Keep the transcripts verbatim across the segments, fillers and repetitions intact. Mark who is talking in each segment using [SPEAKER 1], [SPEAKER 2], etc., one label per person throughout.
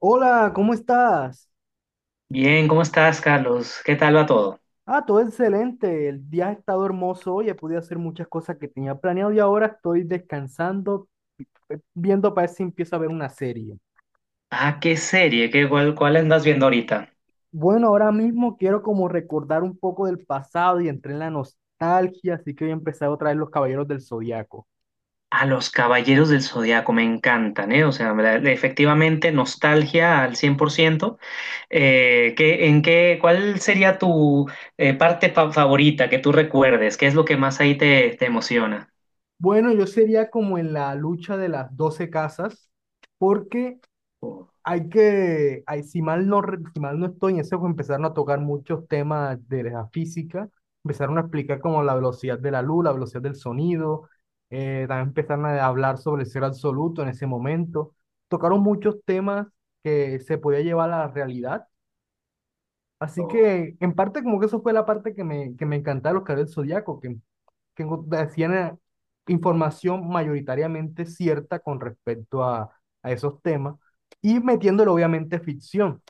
[SPEAKER 1] Hola, ¿cómo estás?
[SPEAKER 2] Bien, ¿cómo estás, Carlos? ¿Qué tal va todo?
[SPEAKER 1] Ah, todo excelente. El día ha estado hermoso hoy. He podido hacer muchas cosas que tenía planeado y ahora estoy descansando, eh, viendo para ver si empiezo a ver una serie.
[SPEAKER 2] Ah, ¿qué serie? ¿Qué, cuál, cuál andas viendo ahorita?
[SPEAKER 1] Bueno, ahora mismo quiero como recordar un poco del pasado y entré en la nostalgia, así que voy a empezar otra vez Los Caballeros del Zodiaco.
[SPEAKER 2] A los Caballeros del Zodiaco me encantan, ¿eh? O sea, la- efectivamente, nostalgia al cien por ciento. Eh, ¿qué- en qué, cuál sería tu eh, parte fa- favorita que tú recuerdes? ¿Qué es lo que más ahí te, te emociona?
[SPEAKER 1] Bueno, yo sería como en la lucha de las doce casas, porque,
[SPEAKER 2] Oh,
[SPEAKER 1] Hay que, hay- si mal no, re- si mal no estoy en ese juego, empezaron a tocar muchos temas de la física, empezaron a explicar como la velocidad de la luz, la velocidad del sonido, eh, también empezaron a hablar sobre el ser absoluto en ese momento. Tocaron muchos temas que se podía llevar a la realidad. Así
[SPEAKER 2] oh.
[SPEAKER 1] que, en parte, como que eso fue la parte que me, que me encantaba de los Caballeros del Zodíaco, que enco- decían, eh, información mayoritariamente cierta con respecto a, a esos temas y metiéndole obviamente ficción.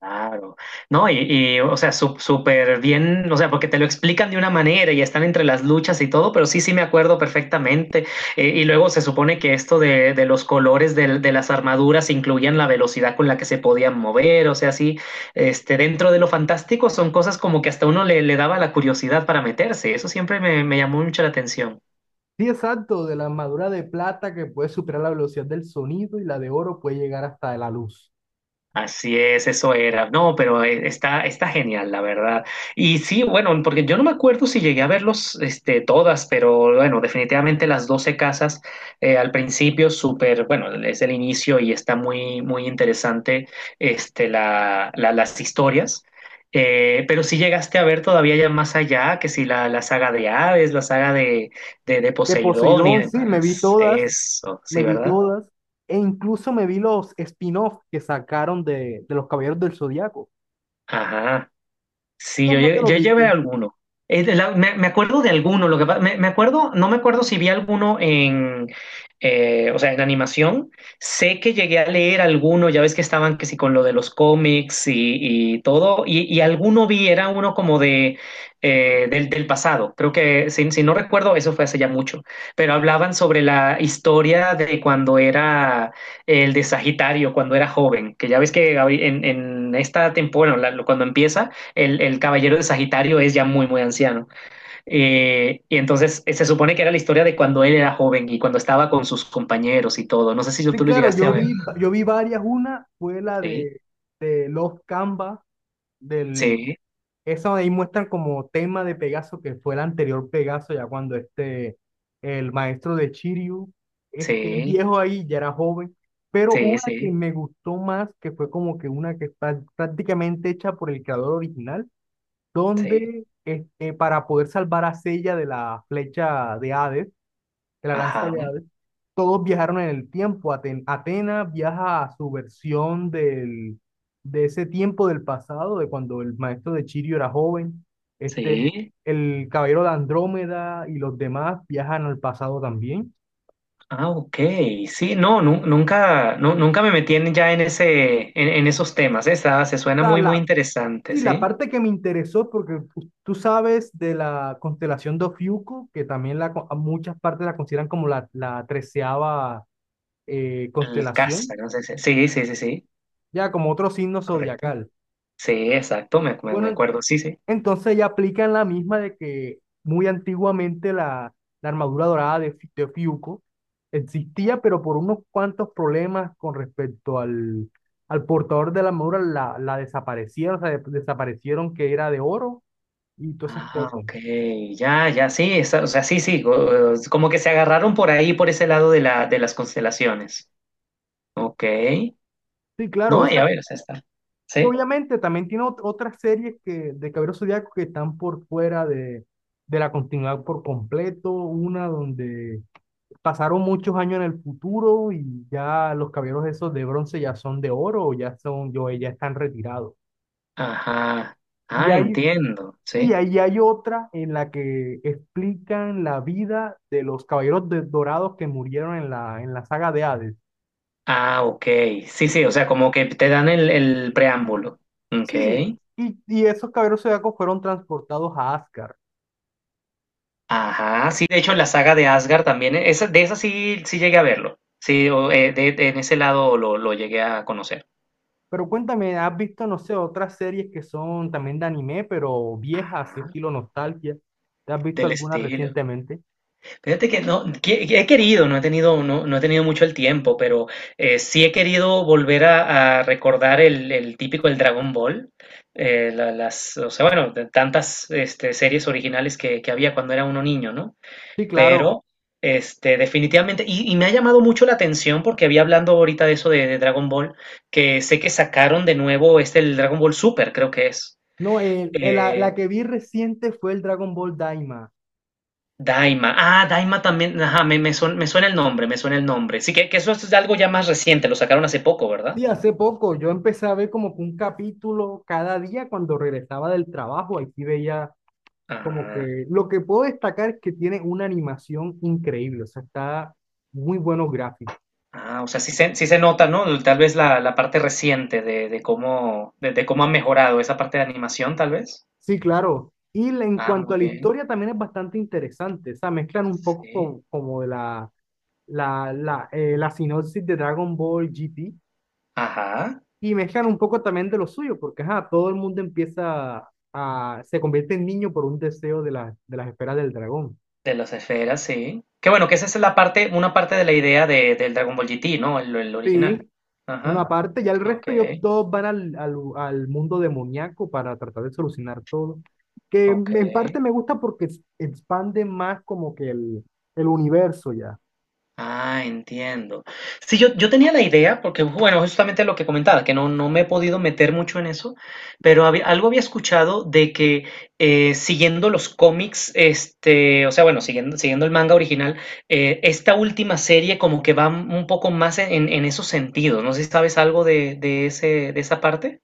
[SPEAKER 2] Claro, no, y, y, o sea, su- súper bien, o sea, porque te lo explican de una manera y están entre las luchas y todo, pero sí, sí me acuerdo perfectamente. Eh, y luego se supone que esto de, de los colores del- de, las armaduras incluían la velocidad con la que se podían mover, o sea, sí, este, dentro de lo fantástico son cosas como que hasta uno le, le daba la curiosidad para meterse, eso siempre me, me llamó mucho la atención.
[SPEAKER 1] Sí, exacto, de la armadura de plata que puede superar la velocidad del sonido y la de oro puede llegar hasta la luz.
[SPEAKER 2] Así es, eso era. No, pero eh, está, está genial, la verdad. Y sí, bueno, porque yo no me acuerdo si llegué a verlos, este, todas, pero bueno, definitivamente las doce casas eh, al principio, súper, bueno, es el inicio y está muy, muy interesante, este, la, la- las historias. Eh, pero si llegaste a ver todavía ya más allá, que si la, la saga de Hades, la saga de, de, de
[SPEAKER 1] De
[SPEAKER 2] Poseidón y
[SPEAKER 1] Poseidón, sí, me vi
[SPEAKER 2] demás.
[SPEAKER 1] todas,
[SPEAKER 2] Eso,
[SPEAKER 1] me
[SPEAKER 2] sí,
[SPEAKER 1] vi
[SPEAKER 2] ¿verdad?
[SPEAKER 1] todas, e incluso me vi los spin-off que sacaron de, de los Caballeros del Zodiaco.
[SPEAKER 2] Ajá. Sí, yo,
[SPEAKER 1] Entonces no te
[SPEAKER 2] lle-
[SPEAKER 1] los
[SPEAKER 2] yo llevé
[SPEAKER 1] viste.
[SPEAKER 2] alguno. Eh, de la- me, me acuerdo de alguno, lo que pa- me, me acuerdo, no me acuerdo si vi alguno en, eh, o sea, en animación. Sé que llegué a leer alguno, ya ves que estaban que sí con lo de los cómics y, y todo, y, y alguno vi, era uno como de eh, del, del pasado. Creo que, si, si no recuerdo, eso fue hace ya mucho, pero hablaban sobre la historia de cuando era el de Sagitario, cuando era joven, que ya ves que ahori- en, en esta temporada, la- cuando empieza el, el, caballero de Sagitario es ya muy, muy anciano. Eh, y entonces eh, se supone que era la historia de cuando él era joven y cuando estaba con sus compañeros y todo. No sé si
[SPEAKER 1] Sí,
[SPEAKER 2] tú lo
[SPEAKER 1] claro,
[SPEAKER 2] llegaste a
[SPEAKER 1] yo
[SPEAKER 2] ver.
[SPEAKER 1] vi, yo vi varias. Una fue la
[SPEAKER 2] Sí,
[SPEAKER 1] de, de Love Canva. del,
[SPEAKER 2] sí,
[SPEAKER 1] Eso ahí muestran como tema de Pegaso, que fue el anterior Pegaso, ya cuando este, el maestro de Shiryu, este el
[SPEAKER 2] sí,
[SPEAKER 1] viejo ahí ya era joven, pero
[SPEAKER 2] sí,
[SPEAKER 1] una que
[SPEAKER 2] sí,
[SPEAKER 1] me gustó más, que fue como que una que está prácticamente hecha por el creador original,
[SPEAKER 2] sí.
[SPEAKER 1] donde este, para poder salvar a Seiya de la flecha de Hades, de la lanza
[SPEAKER 2] Ajá,
[SPEAKER 1] de Hades, todos viajaron en el tiempo. Aten- Atenas viaja a su versión del, de ese tiempo del pasado, de cuando el maestro de Chirio era joven. Este,
[SPEAKER 2] sí.
[SPEAKER 1] el caballero de Andrómeda y los demás viajan al pasado también.
[SPEAKER 2] Ah, ok. Sí, no, nu- nunca, nu- nunca me metí en- ya en ese, en, en esos temas. ¿Eh? Está- se suena
[SPEAKER 1] O sea,
[SPEAKER 2] muy, muy
[SPEAKER 1] la,
[SPEAKER 2] interesante,
[SPEAKER 1] sí, la
[SPEAKER 2] ¿sí?
[SPEAKER 1] parte que me interesó, porque tú, tú sabes de la constelación de Ofiuco, que también la, co- a muchas partes la consideran como la, la treceava eh,
[SPEAKER 2] El
[SPEAKER 1] constelación,
[SPEAKER 2] casa, no sé si- Sí, sí, sí, sí.
[SPEAKER 1] ya como otro signo
[SPEAKER 2] Correcto.
[SPEAKER 1] zodiacal.
[SPEAKER 2] Sí, exacto, me, me me
[SPEAKER 1] Bueno,
[SPEAKER 2] acuerdo. Sí, sí.
[SPEAKER 1] Entonces ya aplican la misma de que muy antiguamente la, la armadura dorada de, Fi- de Fiuco existía, pero por unos cuantos problemas con respecto al, al portador de la armadura la, la desaparecieron, o sea, de- desaparecieron que era de oro y todas esas
[SPEAKER 2] Ah,
[SPEAKER 1] cosas.
[SPEAKER 2] ok, ya, ya, sí, esa- o sea, sí, sí, o- o- como que se agarraron por ahí, por ese lado de la, de las constelaciones. Ok,
[SPEAKER 1] Sí, claro,
[SPEAKER 2] no, y
[SPEAKER 1] esa-
[SPEAKER 2] a ver, o sea, está.
[SPEAKER 1] y
[SPEAKER 2] Sí,
[SPEAKER 1] obviamente también tiene ot- otras series que, de Caballeros Zodiaco que están por fuera de, de la continuidad por completo, una donde pasaron muchos años en el futuro y ya los caballeros esos de bronce ya son de oro o ya son, yo, ya están retirados.
[SPEAKER 2] ajá,
[SPEAKER 1] Y
[SPEAKER 2] ah,
[SPEAKER 1] hay,
[SPEAKER 2] entiendo,
[SPEAKER 1] sí,
[SPEAKER 2] sí.
[SPEAKER 1] ahí hay otra en la que explican la vida de los caballeros de- dorados que murieron en la, en la saga de Hades.
[SPEAKER 2] Ah, ok, sí, sí, o
[SPEAKER 1] Y-
[SPEAKER 2] sea, como que te dan el, el preámbulo. Ok,
[SPEAKER 1] Sí, y, y esos caballeros zodiacos fueron transportados a Asgard.
[SPEAKER 2] ajá, sí, de hecho, la saga de Asgard también, eh, esa, de esa sí, sí llegué a verlo. Sí, o, eh, de- de- en ese lado lo, lo llegué a conocer.
[SPEAKER 1] Pero cuéntame, ¿has visto, no sé, otras series que son también de anime, pero viejas, así
[SPEAKER 2] Ajá,
[SPEAKER 1] estilo nostalgia? ¿Te has visto
[SPEAKER 2] del
[SPEAKER 1] alguna
[SPEAKER 2] estilo.
[SPEAKER 1] recientemente?
[SPEAKER 2] Fíjate que no, que- que he querido, no he tenido, no, no he tenido mucho el tiempo, pero eh, sí he querido volver a, a recordar el, el típico el Dragon Ball, eh, la- las, o sea, bueno, de tantas este, series originales que, que había cuando era uno niño, ¿no?
[SPEAKER 1] Sí, claro.
[SPEAKER 2] Pero, este, definitivamente, y, y me ha llamado mucho la atención porque había hablando ahorita de eso de, de Dragon Ball, que sé que sacaron de nuevo este el Dragon Ball Super, creo que es.
[SPEAKER 1] No, el, el- la,
[SPEAKER 2] eh,
[SPEAKER 1] la que vi reciente fue el Dragon Ball Daima.
[SPEAKER 2] Daima. Ah, Daima también. Ajá, me, me, suena, me suena el nombre, me suena el nombre. Sí, que, que eso es algo ya más reciente, lo sacaron hace poco, ¿verdad?
[SPEAKER 1] Sí, hace poco yo empecé a ver como que un capítulo cada día cuando regresaba del trabajo. Aquí veía como
[SPEAKER 2] Ah,
[SPEAKER 1] que lo que puedo destacar es que tiene una animación increíble, o sea, está muy buenos gráficos.
[SPEAKER 2] ah, o sea, sí se, sí se nota, ¿no? Tal vez la, la parte reciente de, de cómo, de, de cómo ha mejorado esa parte de animación, tal vez.
[SPEAKER 1] Sí, claro. Y la- en
[SPEAKER 2] Ah,
[SPEAKER 1] cuanto
[SPEAKER 2] muy
[SPEAKER 1] a la
[SPEAKER 2] bien.
[SPEAKER 1] historia también es bastante interesante, o sea, mezclan un poco
[SPEAKER 2] Sí.
[SPEAKER 1] co- como, de la, la, la, eh, la sinopsis de Dragon Ball G T.
[SPEAKER 2] Ajá.
[SPEAKER 1] Y mezclan un poco también de lo suyo, porque ajá, todo el mundo empieza a, se convierte en niño por un deseo de, la- de las esferas del dragón.
[SPEAKER 2] De las esferas, sí. Que bueno, que esa es la parte, una parte de la idea de, del Dragon Ball G T, ¿no? El, el
[SPEAKER 1] Sí,
[SPEAKER 2] original.
[SPEAKER 1] una
[SPEAKER 2] Ajá.
[SPEAKER 1] parte, ya el
[SPEAKER 2] Ok,
[SPEAKER 1] resto ellos todos van al, al, al mundo demoníaco para tratar de solucionar todo. Que
[SPEAKER 2] ok.
[SPEAKER 1] en parte me gusta porque es- expande más como que el, el universo ya.
[SPEAKER 2] Ah, entiendo. Sí, yo, yo tenía la idea, porque bueno, justamente lo que comentaba, que no, no me he podido meter mucho en eso, pero había- algo había escuchado de que eh, siguiendo los cómics, este, o sea, bueno, siguiendo, siguiendo el manga original, eh, esta última serie como que va un poco más en, en- en esos sentidos. No sé si sabes algo de, de ese, de esa parte.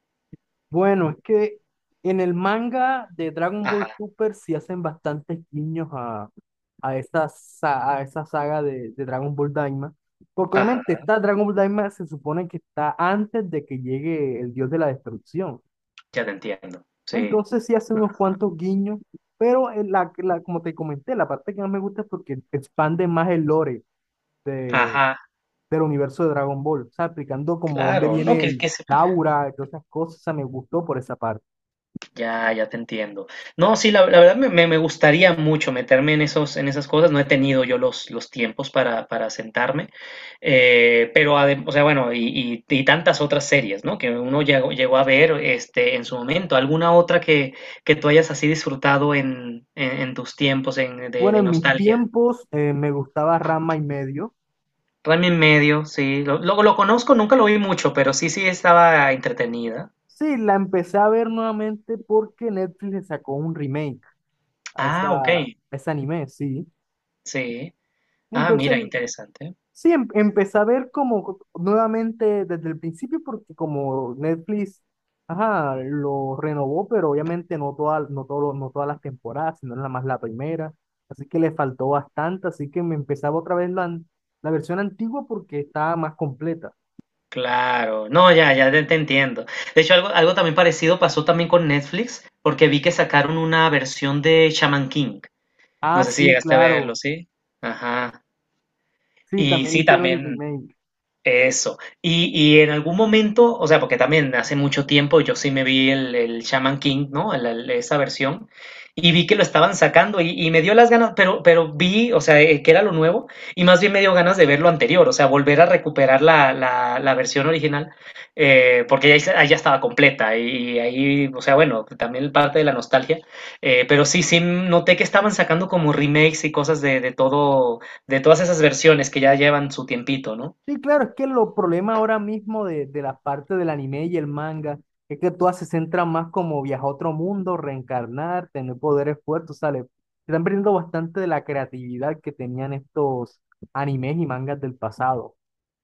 [SPEAKER 1] Bueno, es que en el manga de Dragon Ball
[SPEAKER 2] Ajá,
[SPEAKER 1] Super sí hacen bastantes guiños a, a, esa, sa- a esa saga de, de Dragon Ball Daima. Porque obviamente
[SPEAKER 2] ajá,
[SPEAKER 1] esta Dragon Ball Daima se supone que está antes de que llegue el dios de la destrucción.
[SPEAKER 2] ya te entiendo. Sí.
[SPEAKER 1] Entonces sí hacen unos cuantos guiños, pero en la, la- como te comenté, la parte que más me gusta es porque expande más el lore de,
[SPEAKER 2] Ajá,
[SPEAKER 1] del universo de Dragon Ball. O sea, explicando como dónde
[SPEAKER 2] claro, no,
[SPEAKER 1] viene
[SPEAKER 2] que,
[SPEAKER 1] el
[SPEAKER 2] que
[SPEAKER 1] Daura y todas esas cosas. O sea, me gustó por esa parte.
[SPEAKER 2] Ya, ya te entiendo. No, sí, la, la verdad me, me- me gustaría mucho meterme en esos, en esas cosas. No he tenido yo los, los tiempos para, para sentarme. Eh, pero, adem- o sea, bueno, y, y- y tantas otras series, ¿no? Que uno llegó, llegó a ver este, en su momento. ¿Alguna otra que, que tú hayas así disfrutado en, en- en tus tiempos en- de,
[SPEAKER 1] Bueno,
[SPEAKER 2] de
[SPEAKER 1] en mis
[SPEAKER 2] nostalgia?
[SPEAKER 1] tiempos eh, me gustaba Rama y medio.
[SPEAKER 2] Rami en medio, sí. Lo, lo, lo conozco, nunca lo vi mucho, pero sí, sí estaba entretenida.
[SPEAKER 1] Sí, la empecé a ver nuevamente porque Netflix le sacó un remake a
[SPEAKER 2] Ah, ok.
[SPEAKER 1] esa, a ese anime, sí.
[SPEAKER 2] Sí. Ah,
[SPEAKER 1] Entonces,
[SPEAKER 2] mira, interesante.
[SPEAKER 1] sí, em- empecé a ver como nuevamente desde el principio porque como Netflix, ajá, lo renovó, pero obviamente no todas no todo, no todas las temporadas, sino nada más la primera. Así que le faltó bastante, así que me empezaba otra vez la, an- la versión antigua porque estaba más completa.
[SPEAKER 2] Claro, no, ya, ya te, te entiendo. De hecho, algo, algo también parecido pasó también con Netflix, porque vi que sacaron una versión de Shaman King. No
[SPEAKER 1] Ah,
[SPEAKER 2] sé si
[SPEAKER 1] sí,
[SPEAKER 2] llegaste a verlo,
[SPEAKER 1] claro.
[SPEAKER 2] ¿sí? Ajá.
[SPEAKER 1] Sí,
[SPEAKER 2] Y
[SPEAKER 1] también le
[SPEAKER 2] sí,
[SPEAKER 1] hicieron el
[SPEAKER 2] también.
[SPEAKER 1] remake.
[SPEAKER 2] Eso. Y, y en algún momento, o sea, porque también hace mucho tiempo yo sí me vi el, el Shaman King, ¿no? El- el- esa versión, y vi que lo estaban sacando y, y me dio las ganas, pero, pero vi, o sea, eh, que era lo nuevo, y más bien me dio ganas de ver lo anterior, o sea, volver a recuperar la, la, la versión original, eh, porque ya, hice- ahí ya estaba completa, y, ahí, o sea, bueno, también parte de la nostalgia, eh, pero sí, sí noté que estaban sacando como remakes y cosas de, de todo, de todas esas versiones que ya llevan su tiempito, ¿no?
[SPEAKER 1] Sí, claro, es que lo problema ahora mismo de, de la parte del anime y el manga es que todas se centran más como viajar a otro mundo, reencarnar, tener poderes fuertes, ¿sale? Se están perdiendo bastante de la creatividad que tenían estos animes y mangas del pasado.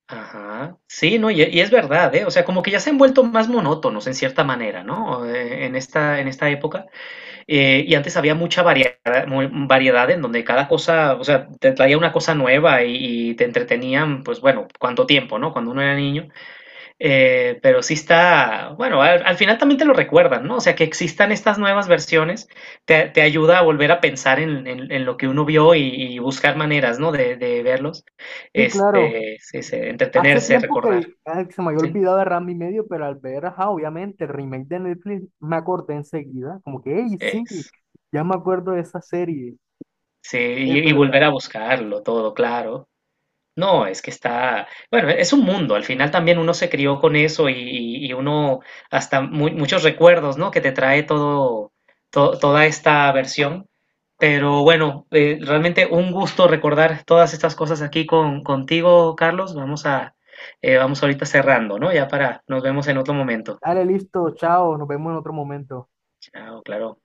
[SPEAKER 2] Ajá. Sí, no, y, y es verdad, ¿eh? O sea, como que ya se han vuelto más monótonos en cierta manera, ¿no? Eh, en esta, en esta época. Eh, y antes había mucha variedad, mu- variedad en donde cada cosa, o sea, te traía una cosa nueva y, y te entretenían, pues bueno, cuánto tiempo, ¿no? Cuando uno era niño. Eh, pero sí está, bueno, al, al final también te lo recuerdan, ¿no? O sea, que existan estas nuevas versiones te, te ayuda a volver a pensar en, en- en lo que uno vio y, y buscar maneras, ¿no? De, de verlos,
[SPEAKER 1] Sí, claro.
[SPEAKER 2] este, sí, sí,
[SPEAKER 1] Hace
[SPEAKER 2] entretenerse,
[SPEAKER 1] tiempo que
[SPEAKER 2] recordar,
[SPEAKER 1] vi- ah, se me había
[SPEAKER 2] sí,
[SPEAKER 1] olvidado de Ranma y medio, pero al ver, ajá, obviamente, el remake de Netflix, me acordé enseguida, como que, hey, sí,
[SPEAKER 2] es-
[SPEAKER 1] ya me acuerdo de esa serie.
[SPEAKER 2] sí, y, y volver a buscarlo todo, claro. No, es que está, bueno, es un mundo, al final también uno se crió con eso y, y- y uno hasta mu- muchos recuerdos, ¿no? Que te trae todo, to- toda esta versión. Pero bueno, eh, realmente un gusto recordar todas estas cosas aquí con, contigo, Carlos. Vamos a, eh, vamos ahorita cerrando, ¿no? Ya para, nos vemos en otro momento.
[SPEAKER 1] Dale, listo, chao, nos vemos en otro momento.
[SPEAKER 2] Chao, claro.